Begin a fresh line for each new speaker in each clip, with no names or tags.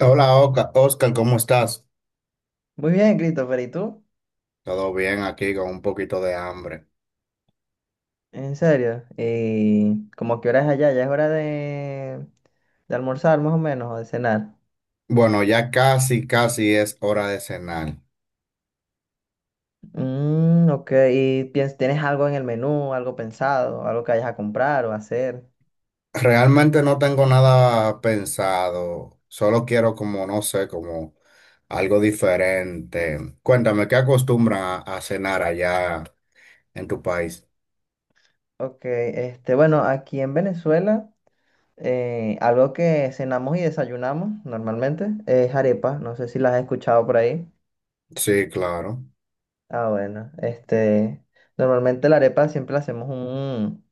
Hola, Oscar, ¿cómo estás?
Muy bien, Christopher, ¿y tú?
Todo bien aquí con un poquito de hambre.
En serio. ¿Y como qué hora es allá? Ya es hora de almorzar más o menos o de cenar.
Bueno, ya casi es hora de cenar.
Ok, ¿y tienes algo en el menú, algo pensado, algo que vayas a comprar o hacer?
Realmente no tengo nada pensado, solo quiero como, no sé, como algo diferente. Cuéntame, ¿qué acostumbran a cenar allá en tu país?
Ok, este, bueno, aquí en Venezuela, algo que cenamos y desayunamos normalmente es arepa. No sé si las has escuchado por ahí.
Sí, claro.
Ah, bueno, este, normalmente la arepa siempre la hacemos un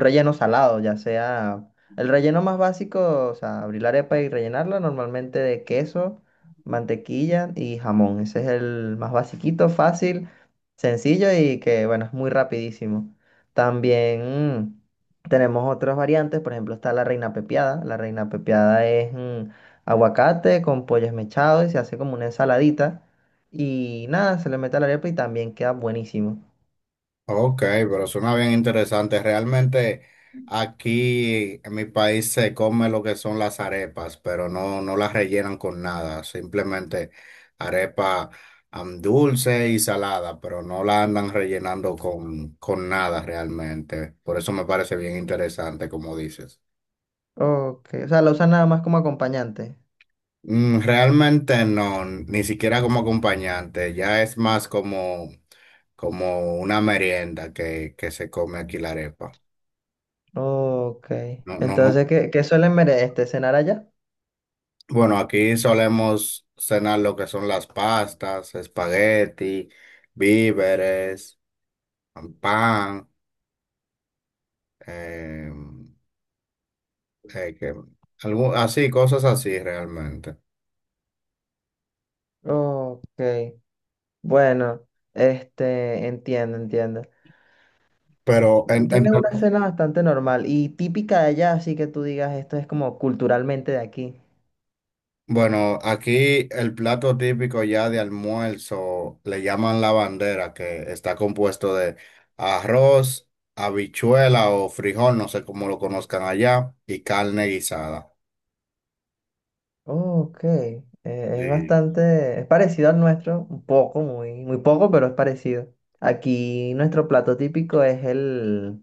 relleno salado, ya sea el relleno más básico, o sea, abrir la arepa y rellenarla normalmente de queso, mantequilla y jamón. Ese es el más basiquito, fácil, sencillo y que, bueno, es muy rapidísimo. También tenemos otras variantes, por ejemplo, está la reina pepiada. La reina pepiada es aguacate con pollo esmechado y se hace como una ensaladita. Y nada, se le mete a la arepa y también queda buenísimo.
Ok, pero suena bien interesante. Realmente aquí en mi país se come lo que son las arepas, pero no las rellenan con nada. Simplemente arepa dulce y salada, pero no la andan rellenando con nada realmente. Por eso me parece bien interesante, como dices.
Ok, o sea, la usan nada más como acompañante.
Mm, realmente no, ni siquiera como acompañante, ya es más como, como una merienda que se come aquí la arepa.
Ok.
No, no, no.
Entonces, ¿qué suelen cenar allá?
Bueno, aquí solemos cenar lo que son las pastas, espagueti, víveres, pan, eh, eh, que- así, cosas así realmente.
Ok. Bueno, este, entiendo, entiendo.
Pero, en, en-
Tienes una cena bastante normal y típica de allá, así que tú digas, esto es como culturalmente de aquí.
bueno, aquí el plato típico ya de almuerzo le llaman la bandera, que está compuesto de arroz, habichuela o frijol, no sé cómo lo conozcan allá, y carne guisada.
Ok. Eh, es
Sí.
bastante, es parecido al nuestro, un poco, muy, muy poco, pero es parecido. Aquí nuestro plato típico es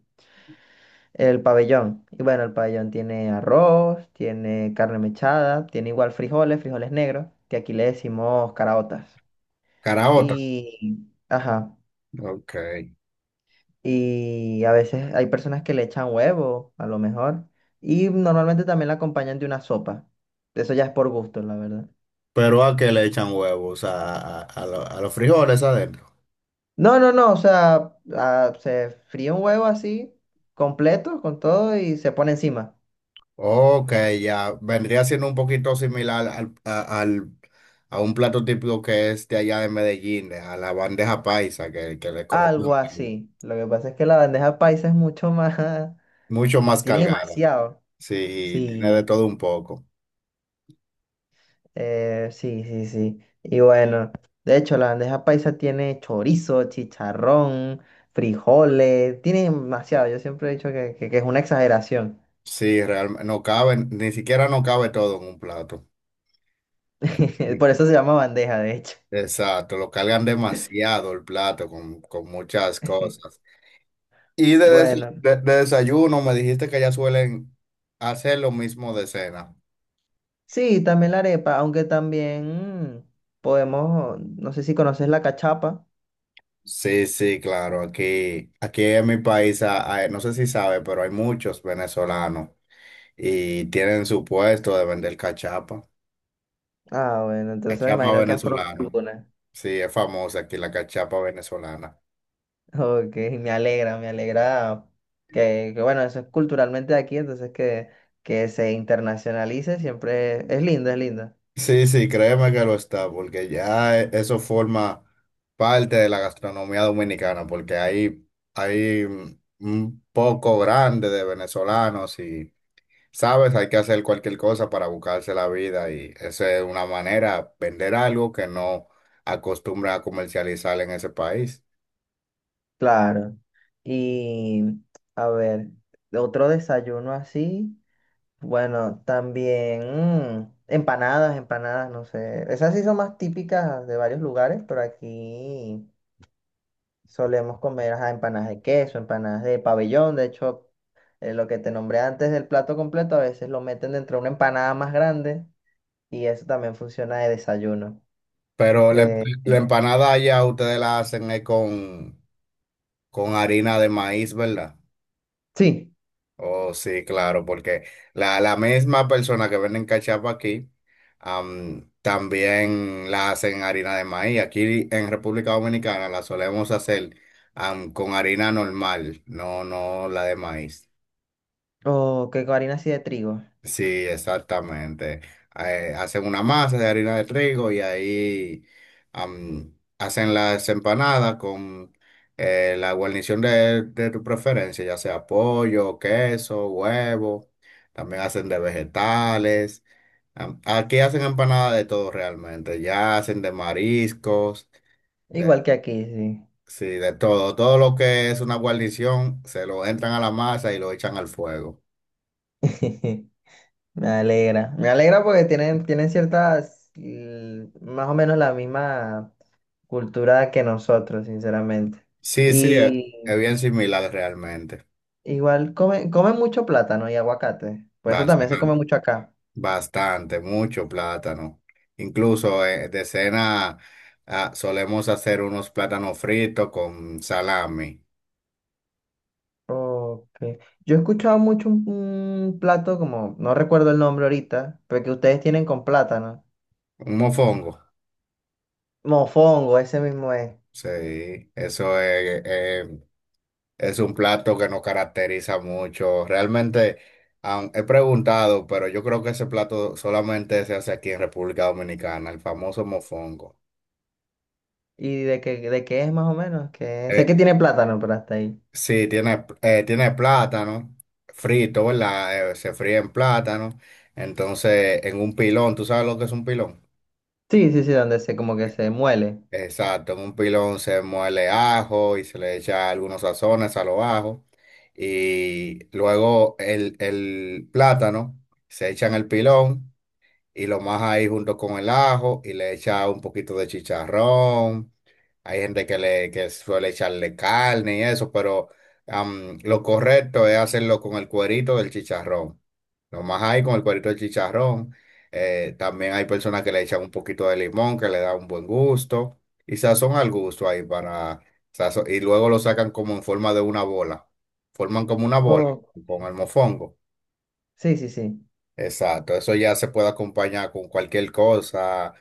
el pabellón. Y bueno, el pabellón tiene arroz, tiene carne mechada, tiene igual frijoles, frijoles negros, que aquí le decimos caraotas.
Caraota.
Y, ajá,
Ok.
y a veces hay personas que le echan huevo, a lo mejor. Y normalmente también la acompañan de una sopa. Eso ya es por gusto, la verdad.
Pero a qué le echan huevos, a los frijoles adentro.
No, no, no, o sea, ah, se fríe un huevo así, completo, con todo, y se pone encima.
Ok, ya vendría siendo un poquito similar a un plato típico que es de allá de Medellín, a la bandeja paisa, que le colocan
Algo así. Lo que pasa es que la bandeja paisa es mucho más...
mucho más
Tiene
cargada.
demasiado.
Sí, tiene de
Sí,
todo un poco.
sí, sí, sí. Y bueno, de hecho, la bandeja paisa tiene chorizo, chicharrón, frijoles, tiene demasiado. Yo siempre he dicho que es una exageración.
Sí, realmente no cabe, ni siquiera no cabe todo en un plato.
Por eso se llama bandeja, de hecho.
Exacto, lo cargan demasiado el plato con muchas cosas. Y de, des-
Bueno,
de- de desayuno me dijiste que ya suelen hacer lo mismo de cena.
sí, también la arepa, aunque también podemos, no sé si conoces la cachapa.
Sí, sí, claro. Aquí en mi país, no sé si sabe, pero hay muchos venezolanos y tienen su puesto de vender cachapa.
Ah, bueno, entonces me
Cachapa
imagino que has probado
venezolana.
alguna.
Sí, es famosa aquí la cachapa venezolana.
Ok, me alegra que, bueno, eso es culturalmente de aquí, entonces que se internacionalice siempre es lindo, es lindo.
Sí, sí, créeme que lo está, porque ya eso forma parte de la gastronomía dominicana, porque hay un poco grande de venezolanos y sabes, hay que hacer cualquier cosa para buscarse la vida y esa es una manera, vender algo que no acostumbra a comercializar en ese país.
Claro. Y a ver, otro desayuno así, bueno, también empanadas, empanadas, no sé, esas sí son más típicas de varios lugares, pero aquí solemos comer ajá, empanadas de queso, empanadas de pabellón. De hecho, lo que te nombré antes del plato completo, a veces lo meten dentro de una empanada más grande y eso también funciona de desayuno.
Pero la, claro,
Eh,
la empanada allá ustedes la hacen con harina de maíz, ¿verdad?
sí,
Oh, sí, claro, porque la misma persona que venden cachapa aquí, también la hacen harina de maíz. Aquí en República Dominicana la solemos hacer, con harina normal, no la de maíz.
o que con harina así de trigo.
Sí, exactamente. Hacen una masa de harina de trigo y ahí hacen las empanadas con la guarnición de tu preferencia, ya sea pollo, queso, huevo. También hacen de vegetales. Aquí hacen empanadas de todo realmente. Ya hacen de mariscos, de,
Igual que aquí, sí.
sí, de todo. Todo lo que es una guarnición se lo entran a la masa y lo echan al fuego.
Me alegra. Me alegra porque tienen, tienen ciertas, más o menos la misma cultura que nosotros, sinceramente.
Sí, sí, es
Y
bien similar realmente.
igual comen mucho plátano y aguacate. Pues eso también
Bastante,
se come mucho acá.
bastante, mucho plátano. Incluso de cena ah, solemos hacer unos plátanos fritos con salami,
Ok. Yo he escuchado mucho un plato como, no recuerdo el nombre ahorita, pero que ustedes tienen con plátano.
un mofongo.
Mofongo, ese mismo es.
Sí, eso es un plato que nos caracteriza mucho. Realmente he preguntado, pero yo creo que ese plato solamente se hace aquí en República Dominicana, el famoso mofongo.
¿Y de qué es más o menos? Que... Sé que
Eh,
tiene plátano, pero hasta ahí.
Sí, tiene, tiene plátano frito, ¿verdad? Se fríe en plátano. Entonces, en un pilón, ¿tú sabes lo que es un pilón?
Sí, sí, sí, donde se como que se muele.
Exacto, en un pilón se muele ajo y se le echa algunos sazones a los ajos. Y luego el plátano se echa en el pilón y lo maja ahí junto con el ajo y le echa un poquito de chicharrón. Hay gente que le que suele echarle carne y eso, pero lo correcto es hacerlo con el cuerito del chicharrón. Lo más ahí con el cuerito del chicharrón. También hay personas que le echan un poquito de limón que le da un buen gusto y sazón al gusto ahí para y luego lo sacan como en forma de una bola. Forman como una bola
Oh,
con el mofongo.
sí, sí, sí.
Exacto, eso ya se puede acompañar con cualquier cosa.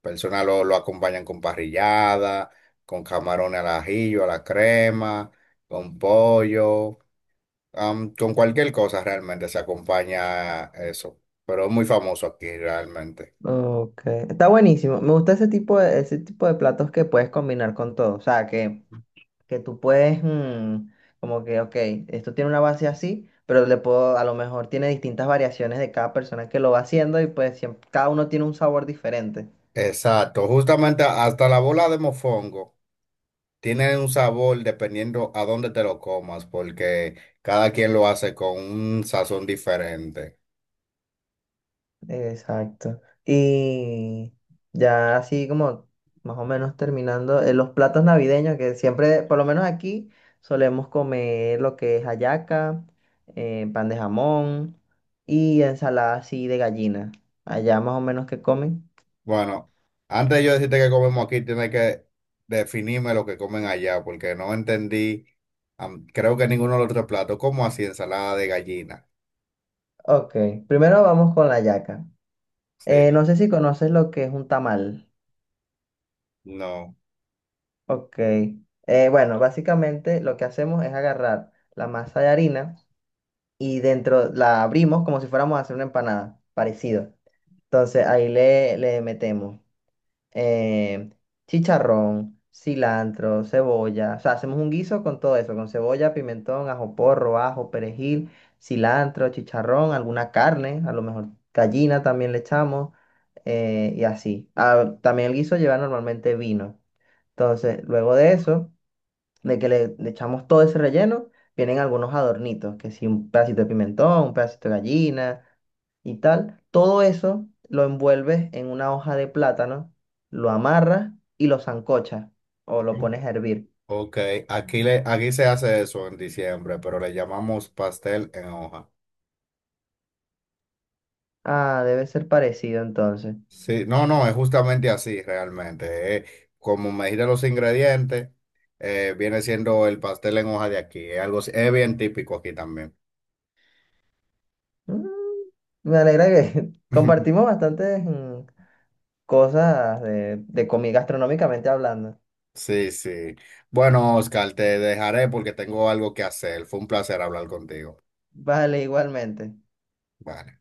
Personas lo acompañan con parrillada, con camarones al ajillo, a la crema, con pollo, con cualquier cosa realmente se acompaña eso. Pero es muy famoso aquí realmente.
Ok. Está buenísimo. Me gusta ese tipo de platos que puedes combinar con todo. O sea, que tú puedes, como que, ok, esto tiene una base así, pero le puedo, a lo mejor tiene distintas variaciones de cada persona que lo va haciendo y pues siempre, cada uno tiene un sabor diferente.
Exacto, justamente hasta la bola de mofongo tiene un sabor dependiendo a dónde te lo comas, porque cada quien lo hace con un sazón diferente.
Exacto. Y ya así como más o menos terminando, los platos navideños que siempre, por lo menos aquí, solemos comer lo que es hallaca, pan de jamón y ensalada así de gallina. Allá más o menos que comen.
Bueno, antes de yo decirte que comemos aquí, tienes que definirme lo que comen allá, porque no entendí, creo que ninguno de los otros platos, como así ensalada de gallina.
Ok, primero vamos con la hallaca.
Sí,
No sé si conoces lo que es un tamal.
no.
Ok. Bueno, básicamente lo que hacemos es agarrar la masa de harina y dentro la abrimos como si fuéramos a hacer una empanada, parecido. Entonces ahí le metemos. Eh, chicharrón, cilantro, cebolla. O sea, hacemos un guiso con todo eso, con cebolla, pimentón, ajo porro, ajo, perejil, cilantro, chicharrón, alguna carne, a lo mejor gallina también le echamos y así. Ah, también el guiso lleva normalmente vino. Entonces, luego de eso, de que le echamos todo ese relleno, vienen algunos adornitos, que si un pedacito de pimentón, un pedacito de gallina y tal. Todo eso lo envuelves en una hoja de plátano, lo amarras y lo sancochas o lo pones a hervir.
Ok, aquí, le, aquí se hace eso en diciembre, pero le llamamos pastel en hoja.
Ah, debe ser parecido entonces.
Sí, no, no, es justamente así realmente. Como me dijiste los ingredientes, viene siendo el pastel en hoja de aquí. Es algo, es bien típico aquí también.
Mm, me alegra que compartimos bastantes cosas de, gastronómicamente hablando.
Sí, sí. Bueno, Oscar, te dejaré porque tengo algo que hacer. Fue un placer hablar contigo.
Vale, igualmente.
Bye.